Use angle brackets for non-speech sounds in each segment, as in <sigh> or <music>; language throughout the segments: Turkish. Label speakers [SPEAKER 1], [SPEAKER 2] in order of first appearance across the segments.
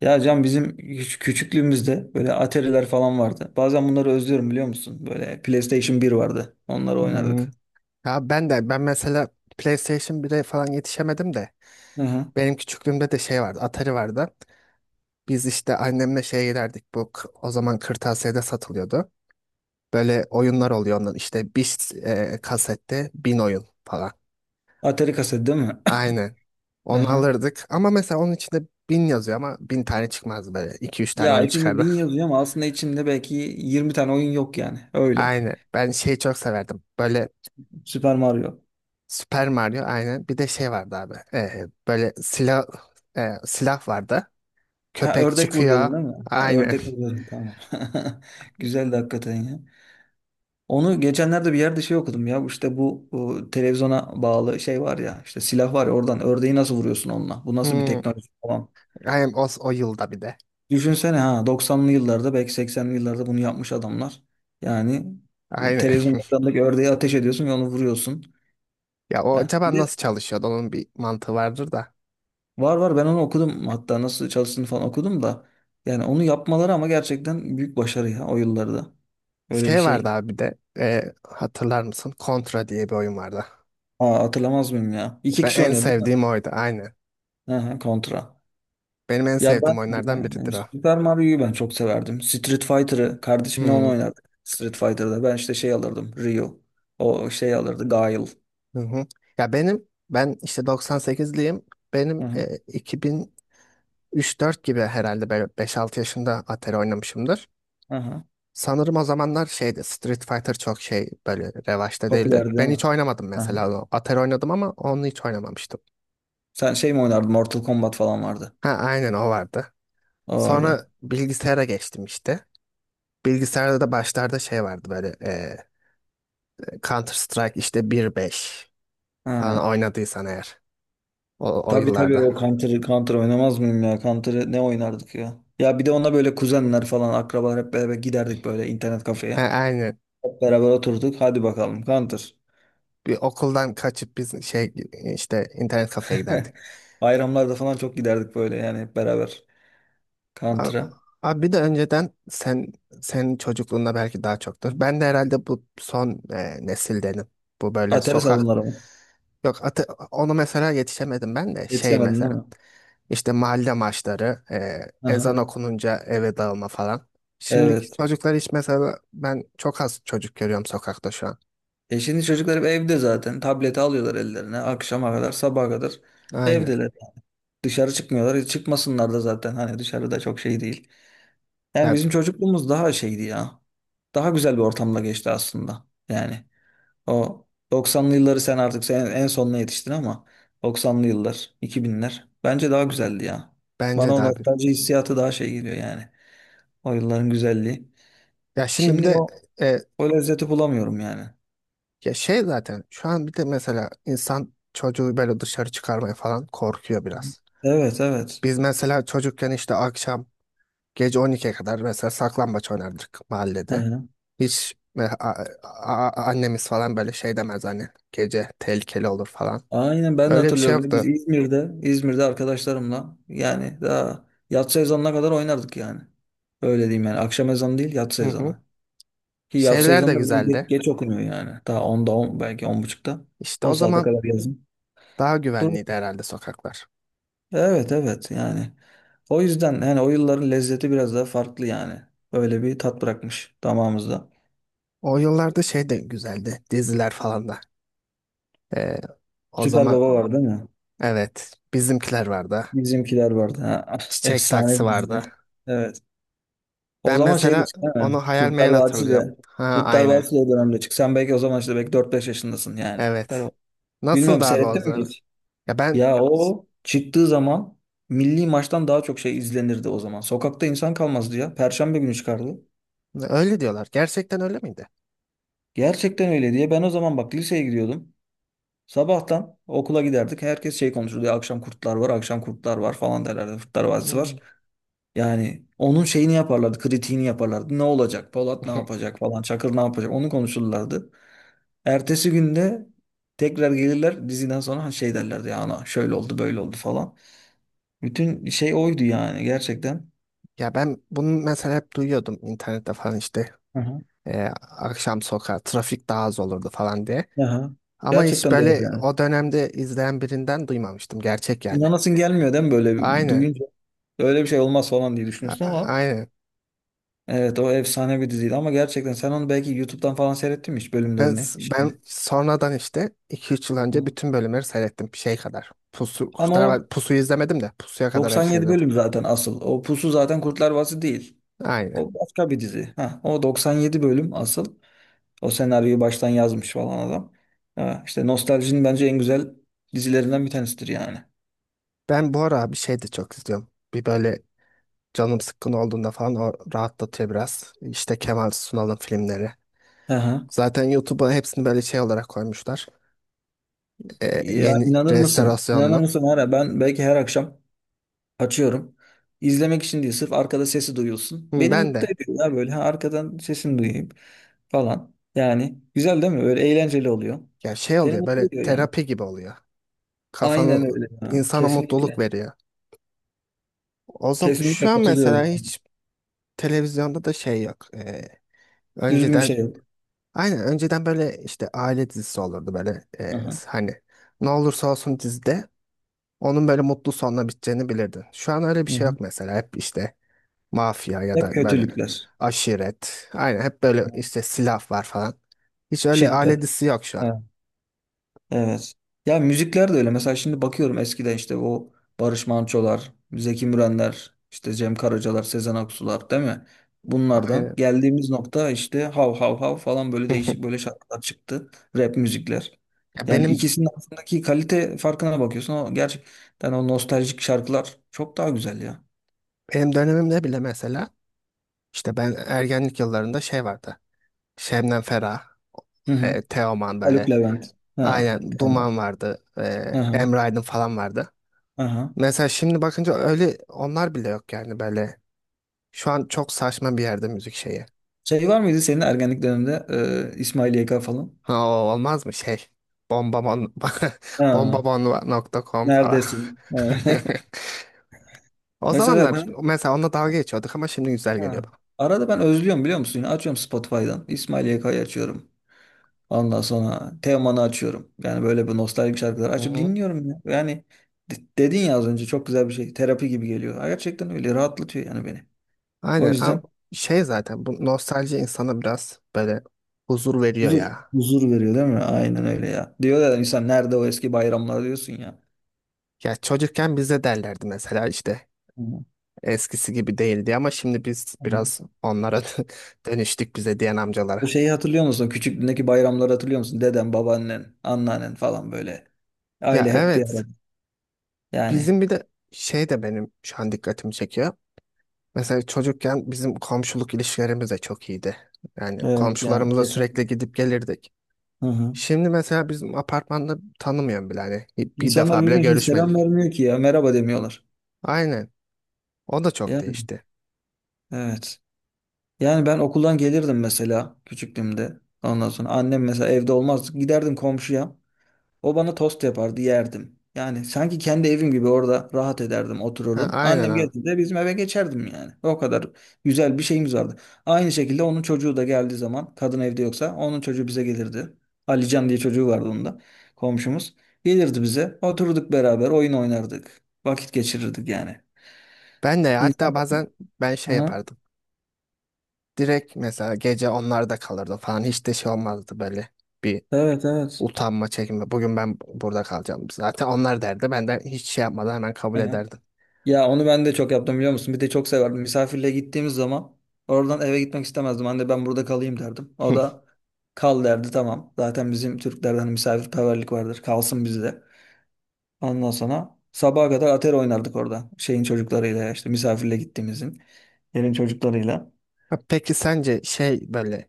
[SPEAKER 1] Ya Can bizim küçüklüğümüzde böyle Atari'ler falan vardı. Bazen bunları özlüyorum biliyor musun? Böyle PlayStation bir vardı. Onları
[SPEAKER 2] Hmm.
[SPEAKER 1] oynardık.
[SPEAKER 2] Ya, ben de, ben mesela PlayStation 1'e falan yetişemedim de
[SPEAKER 1] Hı hı.
[SPEAKER 2] benim küçüklüğümde de şey vardı, Atari vardı. Biz işte annemle şeye giderdik, o zaman kırtasiyede satılıyordu. Böyle oyunlar oluyor, onların işte bir kasette 1.000 oyun falan.
[SPEAKER 1] Atari kaset değil mi?
[SPEAKER 2] Aynen.
[SPEAKER 1] <coughs> Hı
[SPEAKER 2] Onu
[SPEAKER 1] hı.
[SPEAKER 2] alırdık. Ama mesela onun içinde 1.000 yazıyor ama 1.000 tane çıkmazdı böyle. İki üç tane
[SPEAKER 1] Ya
[SPEAKER 2] oyun
[SPEAKER 1] içinde
[SPEAKER 2] çıkardı.
[SPEAKER 1] bin yazıyor ama aslında içinde belki 20 tane oyun yok yani.
[SPEAKER 2] <laughs>
[SPEAKER 1] Öyle.
[SPEAKER 2] Aynen. Ben şeyi çok severdim. Böyle
[SPEAKER 1] Super Mario.
[SPEAKER 2] Super Mario, aynen. Bir de şey vardı abi. Böyle silah vardı.
[SPEAKER 1] Ha,
[SPEAKER 2] Köpek
[SPEAKER 1] ördek
[SPEAKER 2] çıkıyor.
[SPEAKER 1] vuruyordun değil mi? Ha,
[SPEAKER 2] Aynen.
[SPEAKER 1] ördek
[SPEAKER 2] <laughs>
[SPEAKER 1] vuruyordun, tamam. <laughs> Güzeldi hakikaten ya. Onu geçenlerde bir yerde şey okudum ya. İşte bu televizyona bağlı şey var ya. İşte silah var ya, oradan ördeği nasıl vuruyorsun onunla? Bu nasıl bir
[SPEAKER 2] Hmm.
[SPEAKER 1] teknoloji falan.
[SPEAKER 2] Aynen o yılda bir de.
[SPEAKER 1] Düşünsene ha, doksanlı yıllarda belki seksenli yıllarda bunu yapmış adamlar. Yani
[SPEAKER 2] Aynen.
[SPEAKER 1] televizyon
[SPEAKER 2] <laughs>
[SPEAKER 1] ekranındaki ördeğe ateş ediyorsun ve onu vuruyorsun.
[SPEAKER 2] Ya, o
[SPEAKER 1] Ya bir
[SPEAKER 2] acaba
[SPEAKER 1] de
[SPEAKER 2] nasıl çalışıyordu? Onun bir mantığı vardır da.
[SPEAKER 1] var, ben onu okudum, hatta nasıl çalıştığını falan okudum da yani onu yapmaları ama gerçekten büyük başarı ya o yıllarda. Öyle bir
[SPEAKER 2] Şey vardı
[SPEAKER 1] şey.
[SPEAKER 2] abi bir de. Hatırlar mısın? Contra diye bir oyun vardı.
[SPEAKER 1] Aa, hatırlamaz mıyım ya? İki
[SPEAKER 2] Ben
[SPEAKER 1] kişi
[SPEAKER 2] en
[SPEAKER 1] oynuyordu değil mi?
[SPEAKER 2] sevdiğim oydu. Aynen.
[SPEAKER 1] Hı hı, kontra.
[SPEAKER 2] Benim en
[SPEAKER 1] Ya
[SPEAKER 2] sevdiğim oyunlardan
[SPEAKER 1] ben
[SPEAKER 2] biridir o.
[SPEAKER 1] Super Mario'yu ben çok severdim. Street Fighter'ı kardeşimle onu
[SPEAKER 2] Hmm.
[SPEAKER 1] oynardık. Street Fighter'da ben işte şey alırdım. Ryu. O şey alırdı. Guile.
[SPEAKER 2] Hı hı. Ya, ben işte 98'liyim.
[SPEAKER 1] Hı
[SPEAKER 2] Benim
[SPEAKER 1] hı.
[SPEAKER 2] 2003-4 gibi herhalde böyle 5-6 yaşında Atari oynamışımdır.
[SPEAKER 1] Hı hı.
[SPEAKER 2] Sanırım o zamanlar şeydi, Street Fighter çok şey böyle revaçta değildi.
[SPEAKER 1] Popüler değil
[SPEAKER 2] Ben hiç
[SPEAKER 1] mi?
[SPEAKER 2] oynamadım
[SPEAKER 1] Aha.
[SPEAKER 2] mesela o. Atari oynadım ama onu hiç oynamamıştım.
[SPEAKER 1] Sen şey mi oynardın? Mortal Kombat falan vardı.
[SPEAKER 2] Ha, aynen, o vardı.
[SPEAKER 1] O vardı.
[SPEAKER 2] Sonra bilgisayara geçtim işte. Bilgisayarda da başlarda şey vardı böyle, Counter Strike işte 1.5 falan
[SPEAKER 1] Ha.
[SPEAKER 2] oynadıysan eğer o
[SPEAKER 1] Tabii tabii,
[SPEAKER 2] yıllarda.
[SPEAKER 1] o Counter oynamaz mıyım ya? Counter ne oynardık ya? Ya bir de ona böyle kuzenler falan, akrabalar hep beraber giderdik böyle internet kafeye.
[SPEAKER 2] Ha, aynen.
[SPEAKER 1] Hep beraber oturduk. Hadi bakalım Counter.
[SPEAKER 2] Bir okuldan kaçıp biz şey, işte internet kafeye giderdik.
[SPEAKER 1] <laughs> Bayramlarda falan çok giderdik böyle yani, hep beraber
[SPEAKER 2] A-
[SPEAKER 1] Counter'a.
[SPEAKER 2] Abi bir de önceden senin çocukluğunda belki daha çoktur.
[SPEAKER 1] Hı.
[SPEAKER 2] Ben de herhalde bu son nesildenim. Bu böyle
[SPEAKER 1] Atari
[SPEAKER 2] sokak,
[SPEAKER 1] salonları mı?
[SPEAKER 2] yok, onu mesela yetişemedim ben de şey,
[SPEAKER 1] Yetişemedin değil
[SPEAKER 2] mesela
[SPEAKER 1] mi?
[SPEAKER 2] işte mahalle maçları,
[SPEAKER 1] Aha.
[SPEAKER 2] ezan okununca eve dağılma falan.
[SPEAKER 1] Evet.
[SPEAKER 2] Şimdiki çocuklar hiç mesela ben çok az çocuk görüyorum sokakta şu an.
[SPEAKER 1] E, şimdi çocuklar hep evde zaten. Tableti alıyorlar ellerine. Akşama kadar, sabaha kadar
[SPEAKER 2] Aynen.
[SPEAKER 1] evdeler. Dışarı çıkmıyorlar. E, çıkmasınlar da zaten. Hani dışarıda çok şey değil. Yani
[SPEAKER 2] Ya
[SPEAKER 1] bizim çocukluğumuz daha şeydi ya. Daha güzel bir ortamda geçti aslında. Yani o 90'lı yılları sen artık sen en sonuna yetiştin ama 90'lı yıllar, 2000'ler bence daha güzeldi ya. Bana
[SPEAKER 2] bence de
[SPEAKER 1] o
[SPEAKER 2] abi.
[SPEAKER 1] nostalji hissiyatı daha şey geliyor yani. O yılların güzelliği.
[SPEAKER 2] Ya şimdi bir
[SPEAKER 1] Şimdi
[SPEAKER 2] de,
[SPEAKER 1] o,
[SPEAKER 2] e,
[SPEAKER 1] o lezzeti bulamıyorum yani.
[SPEAKER 2] ya, şey zaten şu an bir de mesela insan çocuğu böyle dışarı çıkarmaya falan korkuyor biraz.
[SPEAKER 1] Evet, evet.
[SPEAKER 2] Biz mesela çocukken işte akşam gece 12'ye kadar mesela saklambaç oynardık
[SPEAKER 1] Hı
[SPEAKER 2] mahallede.
[SPEAKER 1] hı.
[SPEAKER 2] Hiç annemiz falan böyle şey demez hani, gece tehlikeli olur falan.
[SPEAKER 1] Aynen, ben de
[SPEAKER 2] Öyle bir şey
[SPEAKER 1] hatırlıyorum. Biz
[SPEAKER 2] yoktu.
[SPEAKER 1] İzmir'de, İzmir'de arkadaşlarımla yani daha yatsı ezanına kadar oynardık yani. Öyle diyeyim yani. Akşam ezanı değil, yatsı
[SPEAKER 2] Hı hı.
[SPEAKER 1] ezanı. Ki yatsı
[SPEAKER 2] Şeyler de
[SPEAKER 1] ezanı da biliyorum geç,
[SPEAKER 2] güzeldi.
[SPEAKER 1] geç okunuyor yani. Daha 10'da 10, belki 10.30'da.
[SPEAKER 2] İşte o
[SPEAKER 1] O saate
[SPEAKER 2] zaman
[SPEAKER 1] kadar yazın.
[SPEAKER 2] daha
[SPEAKER 1] Dur.
[SPEAKER 2] güvenliydi herhalde sokaklar.
[SPEAKER 1] Evet, evet yani. O yüzden yani o yılların lezzeti biraz daha farklı yani. Öyle bir tat bırakmış damağımızda.
[SPEAKER 2] O yıllarda şey de güzeldi. Diziler falan da. E, O
[SPEAKER 1] Süper
[SPEAKER 2] zaman,
[SPEAKER 1] Baba var değil mi?
[SPEAKER 2] evet, bizimkiler vardı.
[SPEAKER 1] Bizimkiler vardı. Ha, <laughs>
[SPEAKER 2] Çiçek
[SPEAKER 1] efsane
[SPEAKER 2] taksi
[SPEAKER 1] bir dizi.
[SPEAKER 2] vardı.
[SPEAKER 1] Evet. O
[SPEAKER 2] Ben
[SPEAKER 1] zaman şey de
[SPEAKER 2] mesela
[SPEAKER 1] çıktı değil mi?
[SPEAKER 2] onu hayal
[SPEAKER 1] Kurtlar
[SPEAKER 2] meyal
[SPEAKER 1] Vadisi
[SPEAKER 2] hatırlıyorum.
[SPEAKER 1] de.
[SPEAKER 2] Ha,
[SPEAKER 1] Kurtlar
[SPEAKER 2] aynen.
[SPEAKER 1] Vadisi de o dönemde çıktı. Sen belki o zaman işte belki dört beş yaşındasın yani. Kurtlar
[SPEAKER 2] Evet.
[SPEAKER 1] Vadisi. Bilmiyorum,
[SPEAKER 2] Nasıldı abi o
[SPEAKER 1] seyrettin mi
[SPEAKER 2] zaman?
[SPEAKER 1] hiç?
[SPEAKER 2] Ya,
[SPEAKER 1] Ya o çıktığı zaman milli maçtan daha çok şey izlenirdi o zaman. Sokakta insan kalmazdı ya. Perşembe günü çıkardı.
[SPEAKER 2] öyle diyorlar. Gerçekten öyle miydi?
[SPEAKER 1] Gerçekten öyle diye. Ben o zaman bak liseye gidiyordum. Sabahtan okula giderdik. Herkes şey konuşurdu. Ya, akşam kurtlar var, akşam kurtlar var falan derlerdi. Kurtlar Vadisi var.
[SPEAKER 2] Hmm.
[SPEAKER 1] Yani onun şeyini yaparlardı, kritiğini yaparlardı. Ne olacak? Polat ne
[SPEAKER 2] <laughs>
[SPEAKER 1] yapacak falan, Çakır ne yapacak? Onu konuşurlardı. Ertesi günde tekrar gelirler diziden sonra, hani şey derlerdi ya, ana şöyle oldu böyle oldu falan. Bütün şey oydu yani gerçekten.
[SPEAKER 2] Ya, ben bunu mesela hep duyuyordum internette falan işte.
[SPEAKER 1] Hı hı.
[SPEAKER 2] Ee, Akşam sokağa trafik daha az olurdu falan diye.
[SPEAKER 1] Aha.
[SPEAKER 2] Ama hiç
[SPEAKER 1] Gerçekten doğru
[SPEAKER 2] böyle
[SPEAKER 1] yani.
[SPEAKER 2] o dönemde izleyen birinden duymamıştım. Gerçek yani.
[SPEAKER 1] İnanasın gelmiyor değil mi, böyle
[SPEAKER 2] Aynen.
[SPEAKER 1] duyunca? Öyle bir şey olmaz falan diye
[SPEAKER 2] A-
[SPEAKER 1] düşünüyorsun
[SPEAKER 2] a-
[SPEAKER 1] ama
[SPEAKER 2] Aynen.
[SPEAKER 1] evet, o efsane bir diziydi ama gerçekten sen onu belki YouTube'dan falan seyrettin mi hiç
[SPEAKER 2] Ben,
[SPEAKER 1] bölümlerini
[SPEAKER 2] ben
[SPEAKER 1] şimdi?
[SPEAKER 2] sonradan işte iki üç yıl önce
[SPEAKER 1] Hı.
[SPEAKER 2] bütün bölümleri seyrettim. Şey kadar. Pusu,
[SPEAKER 1] Ama o
[SPEAKER 2] Pusu'yu izlemedim de Pusu'ya kadar hepsini
[SPEAKER 1] 97
[SPEAKER 2] izledim.
[SPEAKER 1] bölüm zaten asıl. O Pusu zaten Kurtlar Vadisi değil.
[SPEAKER 2] Aynen.
[SPEAKER 1] O başka bir dizi. Ha, o 97 bölüm asıl. O senaryoyu baştan yazmış falan adam. Ha, işte nostaljinin bence en güzel dizilerinden bir tanesidir yani.
[SPEAKER 2] Ben bu ara bir şey de çok izliyorum. Bir böyle canım sıkkın olduğunda falan o rahatlatıyor biraz. İşte Kemal Sunal'ın filmleri.
[SPEAKER 1] Aha.
[SPEAKER 2] Zaten YouTube'a hepsini böyle şey olarak koymuşlar.
[SPEAKER 1] Ya
[SPEAKER 2] Yeni
[SPEAKER 1] inanır mısın? İnanır
[SPEAKER 2] restorasyonlu.
[SPEAKER 1] mısın? Her, ben belki her akşam açıyorum. İzlemek için değil, sırf arkada sesi duyulsun.
[SPEAKER 2] Hı,
[SPEAKER 1] Beni
[SPEAKER 2] ben
[SPEAKER 1] mutlu
[SPEAKER 2] de.
[SPEAKER 1] ediyor ya böyle. Ha, arkadan sesini duyayım falan. Yani güzel değil mi? Böyle eğlenceli oluyor.
[SPEAKER 2] Ya, şey
[SPEAKER 1] Seni
[SPEAKER 2] oluyor,
[SPEAKER 1] mutlu
[SPEAKER 2] böyle
[SPEAKER 1] ediyor yani.
[SPEAKER 2] terapi gibi oluyor. Kafanı
[SPEAKER 1] Aynen öyle ya.
[SPEAKER 2] insana mutluluk
[SPEAKER 1] Kesinlikle.
[SPEAKER 2] veriyor. O zaman şu
[SPEAKER 1] Kesinlikle
[SPEAKER 2] an mesela
[SPEAKER 1] katılıyorum.
[SPEAKER 2] hiç televizyonda da şey yok.
[SPEAKER 1] Düzgün bir şey
[SPEAKER 2] Önceden,
[SPEAKER 1] yok.
[SPEAKER 2] aynen önceden böyle işte aile dizisi olurdu böyle
[SPEAKER 1] Aha.
[SPEAKER 2] hani ne olursa olsun dizide onun böyle mutlu sonla biteceğini bilirdin. Şu an öyle bir
[SPEAKER 1] Hı
[SPEAKER 2] şey
[SPEAKER 1] hı.
[SPEAKER 2] yok mesela, hep işte mafya ya da
[SPEAKER 1] Hep
[SPEAKER 2] böyle
[SPEAKER 1] kötülükler.
[SPEAKER 2] aşiret, aynen hep böyle
[SPEAKER 1] Aha.
[SPEAKER 2] işte silah var falan. Hiç öyle aile
[SPEAKER 1] Şiddet.
[SPEAKER 2] dizisi yok şu an.
[SPEAKER 1] Evet. Ya müzikler de öyle. Mesela şimdi bakıyorum eskiden işte o Barış Manço'lar, Zeki Mürenler, işte Cem Karacalar, Sezen Aksu'lar değil mi? Bunlardan
[SPEAKER 2] Aynen.
[SPEAKER 1] geldiğimiz nokta işte hav hav hav falan, böyle değişik
[SPEAKER 2] <laughs>
[SPEAKER 1] böyle şarkılar çıktı. Rap müzikler.
[SPEAKER 2] Ya,
[SPEAKER 1] Yani
[SPEAKER 2] benim
[SPEAKER 1] ikisinin arasındaki kalite farkına bakıyorsun. O gerçekten, o nostaljik şarkılar çok daha güzel ya.
[SPEAKER 2] benim dönemimde bile mesela işte ben ergenlik yıllarında şey vardı. Şebnem Ferah,
[SPEAKER 1] Hı hı.
[SPEAKER 2] Teoman,
[SPEAKER 1] Haluk
[SPEAKER 2] böyle
[SPEAKER 1] Levent. Ha.
[SPEAKER 2] aynen
[SPEAKER 1] Teğmen.
[SPEAKER 2] Duman vardı,
[SPEAKER 1] Hı hı.
[SPEAKER 2] Emre Aydın falan vardı.
[SPEAKER 1] Hı hı.
[SPEAKER 2] Mesela şimdi bakınca öyle onlar bile yok yani böyle. Şu an çok saçma bir yerde müzik şeyi.
[SPEAKER 1] Şey var mıydı senin ergenlik döneminde İsmail YK falan?
[SPEAKER 2] Ha, o olmaz mı şey? Bombabon <laughs>
[SPEAKER 1] Ha.
[SPEAKER 2] bombabon.com falan.
[SPEAKER 1] Neredesin? Evet.
[SPEAKER 2] <laughs>
[SPEAKER 1] <laughs>
[SPEAKER 2] O
[SPEAKER 1] Mesela
[SPEAKER 2] zamanlar
[SPEAKER 1] ben,
[SPEAKER 2] mesela onunla dalga geçiyorduk ama şimdi güzel geliyor
[SPEAKER 1] ha,
[SPEAKER 2] bana.
[SPEAKER 1] arada ben özlüyorum biliyor musun? Yine açıyorum Spotify'dan. İsmail YK'yı açıyorum. Ondan sonra Teoman'ı açıyorum. Yani böyle bir nostaljik şarkılar
[SPEAKER 2] Hı
[SPEAKER 1] açıp
[SPEAKER 2] hı.
[SPEAKER 1] dinliyorum ya. Yani dedin ya az önce, çok güzel bir şey. Terapi gibi geliyor. Gerçekten öyle rahatlatıyor yani beni. O
[SPEAKER 2] Aynen. Abi,
[SPEAKER 1] yüzden
[SPEAKER 2] şey zaten bu nostalji insana biraz böyle huzur veriyor
[SPEAKER 1] huzur
[SPEAKER 2] ya.
[SPEAKER 1] huzur veriyor değil mi? Aynen öyle ya. Diyor ya insan, nerede o eski bayramlar diyorsun ya.
[SPEAKER 2] Ya, çocukken bize derlerdi mesela işte
[SPEAKER 1] Hı.
[SPEAKER 2] eskisi gibi değildi ama şimdi biz
[SPEAKER 1] Hı.
[SPEAKER 2] biraz onlara <laughs> dönüştük, bize diyen
[SPEAKER 1] O
[SPEAKER 2] amcalara.
[SPEAKER 1] şeyi hatırlıyor musun? Küçüklüğündeki bayramları hatırlıyor musun? Deden, babaannen, anneannen falan böyle.
[SPEAKER 2] Ya,
[SPEAKER 1] Aile hep bir
[SPEAKER 2] evet.
[SPEAKER 1] arada. Yani
[SPEAKER 2] Bizim bir de şey de benim şu an dikkatimi çekiyor. Mesela çocukken bizim komşuluk ilişkilerimiz de çok iyiydi. Yani
[SPEAKER 1] evet ya,
[SPEAKER 2] komşularımıza sürekli
[SPEAKER 1] kesinlikle.
[SPEAKER 2] gidip gelirdik.
[SPEAKER 1] Hı hı.
[SPEAKER 2] Şimdi mesela bizim apartmanda tanımıyorum bile hani, bir
[SPEAKER 1] İnsanlar
[SPEAKER 2] defa bile
[SPEAKER 1] birbirine şimdi selam
[SPEAKER 2] görüşmedik.
[SPEAKER 1] vermiyor ki ya. Merhaba demiyorlar.
[SPEAKER 2] Aynen. O da çok
[SPEAKER 1] Yani
[SPEAKER 2] değişti.
[SPEAKER 1] evet. Yani ben okuldan gelirdim mesela küçüklüğümde. Ondan sonra annem mesela evde olmaz, giderdim komşuya. O bana tost yapardı, yerdim. Yani sanki kendi evim gibi orada rahat ederdim,
[SPEAKER 2] Ha,
[SPEAKER 1] otururdum.
[SPEAKER 2] aynen
[SPEAKER 1] Annem
[SPEAKER 2] abi.
[SPEAKER 1] geldiğinde bizim eve geçerdim yani. O kadar güzel bir şeyimiz vardı. Aynı şekilde onun çocuğu da geldiği zaman, kadın evde yoksa onun çocuğu bize gelirdi. Alican diye çocuğu vardı onun da, komşumuz. Gelirdi bize, oturduk beraber, oyun oynardık. Vakit geçirirdik yani.
[SPEAKER 2] Ben de ya, hatta
[SPEAKER 1] İnsanlar...
[SPEAKER 2] bazen ben şey
[SPEAKER 1] Aha,
[SPEAKER 2] yapardım. Direkt mesela gece onlarda kalırdım falan, hiç de şey olmazdı böyle bir
[SPEAKER 1] evet, evet.
[SPEAKER 2] utanma çekinme. Bugün ben burada kalacağım. Zaten onlar derdi. Ben de hiç şey yapmadan hemen kabul
[SPEAKER 1] Aha.
[SPEAKER 2] ederdim.
[SPEAKER 1] Ya onu ben de çok yaptım biliyor musun? Bir de çok severdim. Misafirliğe gittiğimiz zaman oradan eve gitmek istemezdim. Anne, ben burada kalayım derdim. O
[SPEAKER 2] <laughs>
[SPEAKER 1] da kal derdi, tamam. Zaten bizim Türklerden hani misafirperverlik vardır. Kalsın bizde. Ondan sonra sabaha kadar atari oynardık orada. Şeyin çocuklarıyla ya, işte misafirliğe gittiğimizin. Yerin çocuklarıyla.
[SPEAKER 2] Ha, peki sence şey böyle,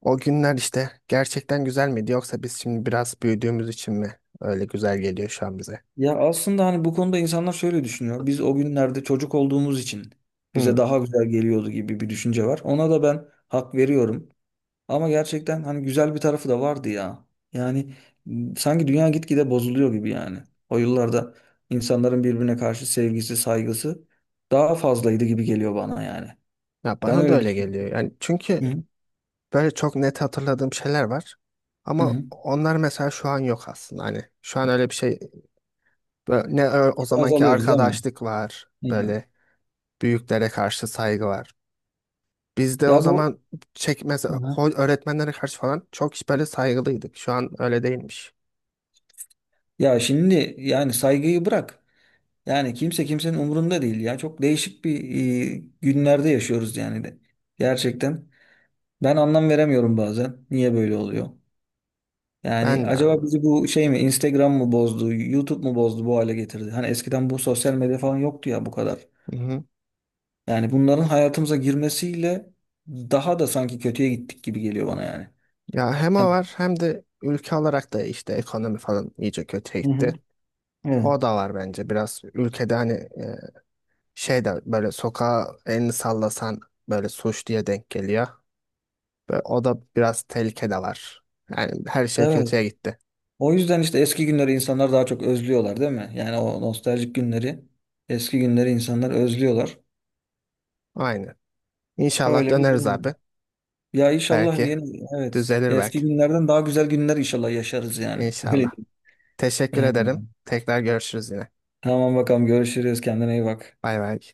[SPEAKER 2] o günler işte gerçekten güzel miydi yoksa biz şimdi biraz büyüdüğümüz için mi öyle güzel geliyor şu an bize?
[SPEAKER 1] Ya aslında hani bu konuda insanlar şöyle düşünüyor. Biz o günlerde çocuk olduğumuz için bize
[SPEAKER 2] Hmm.
[SPEAKER 1] daha güzel geliyordu gibi bir düşünce var. Ona da ben hak veriyorum. Ama gerçekten hani güzel bir tarafı da vardı ya. Yani sanki dünya gitgide bozuluyor gibi yani. O yıllarda insanların birbirine karşı sevgisi, saygısı daha fazlaydı gibi geliyor bana yani.
[SPEAKER 2] Ya,
[SPEAKER 1] Ben
[SPEAKER 2] bana da
[SPEAKER 1] öyle
[SPEAKER 2] öyle geliyor.
[SPEAKER 1] düşünüyorum.
[SPEAKER 2] Yani
[SPEAKER 1] Hı
[SPEAKER 2] çünkü
[SPEAKER 1] hı.
[SPEAKER 2] böyle çok net hatırladığım şeyler var.
[SPEAKER 1] Hı
[SPEAKER 2] Ama
[SPEAKER 1] hı.
[SPEAKER 2] onlar mesela şu an yok aslında. Hani şu an öyle bir şey, böyle ne o zamanki
[SPEAKER 1] Azalıyoruz değil mi?
[SPEAKER 2] arkadaşlık var.
[SPEAKER 1] Hı hı.
[SPEAKER 2] Böyle büyüklere karşı saygı var. Biz de o
[SPEAKER 1] Ya bu,
[SPEAKER 2] zaman çekmez,
[SPEAKER 1] hı hı,
[SPEAKER 2] öğretmenlere karşı falan çok böyle saygılıydık. Şu an öyle değilmiş.
[SPEAKER 1] ya şimdi yani saygıyı bırak. Yani kimse kimsenin umurunda değil ya. Çok değişik bir günlerde yaşıyoruz yani de. Gerçekten. Ben anlam veremiyorum bazen. Niye böyle oluyor? Yani
[SPEAKER 2] Ben de abi.
[SPEAKER 1] acaba bizi bu şey mi, Instagram mı bozdu, YouTube mu bozdu, bu hale getirdi? Hani eskiden bu sosyal medya falan yoktu ya bu kadar. Yani bunların hayatımıza girmesiyle daha da sanki kötüye gittik gibi geliyor bana yani.
[SPEAKER 2] Ya, hem o
[SPEAKER 1] Yani-
[SPEAKER 2] var hem de ülke olarak da işte ekonomi falan iyice kötüye
[SPEAKER 1] Hı hı.
[SPEAKER 2] gitti.
[SPEAKER 1] Evet.
[SPEAKER 2] O da var bence, biraz ülkede hani şey de böyle, sokağa elini sallasan böyle suç diye denk geliyor. Ve o da, biraz tehlike de var. Yani her şey
[SPEAKER 1] Evet.
[SPEAKER 2] kötüye gitti.
[SPEAKER 1] O yüzden işte eski günleri insanlar daha çok özlüyorlar değil mi? Yani o nostaljik günleri, eski günleri insanlar özlüyorlar.
[SPEAKER 2] Aynen. İnşallah
[SPEAKER 1] Öyle bir
[SPEAKER 2] döneriz abi.
[SPEAKER 1] durum. Ya inşallah
[SPEAKER 2] Belki
[SPEAKER 1] yeni, evet,
[SPEAKER 2] düzelir
[SPEAKER 1] eski
[SPEAKER 2] belki.
[SPEAKER 1] günlerden daha güzel günler inşallah yaşarız yani. <laughs> Öyle
[SPEAKER 2] İnşallah.
[SPEAKER 1] diyeyim.
[SPEAKER 2] Teşekkür
[SPEAKER 1] Evet.
[SPEAKER 2] ederim. Tekrar görüşürüz yine.
[SPEAKER 1] Tamam bakalım, görüşürüz, kendine iyi bak.
[SPEAKER 2] Bay bay.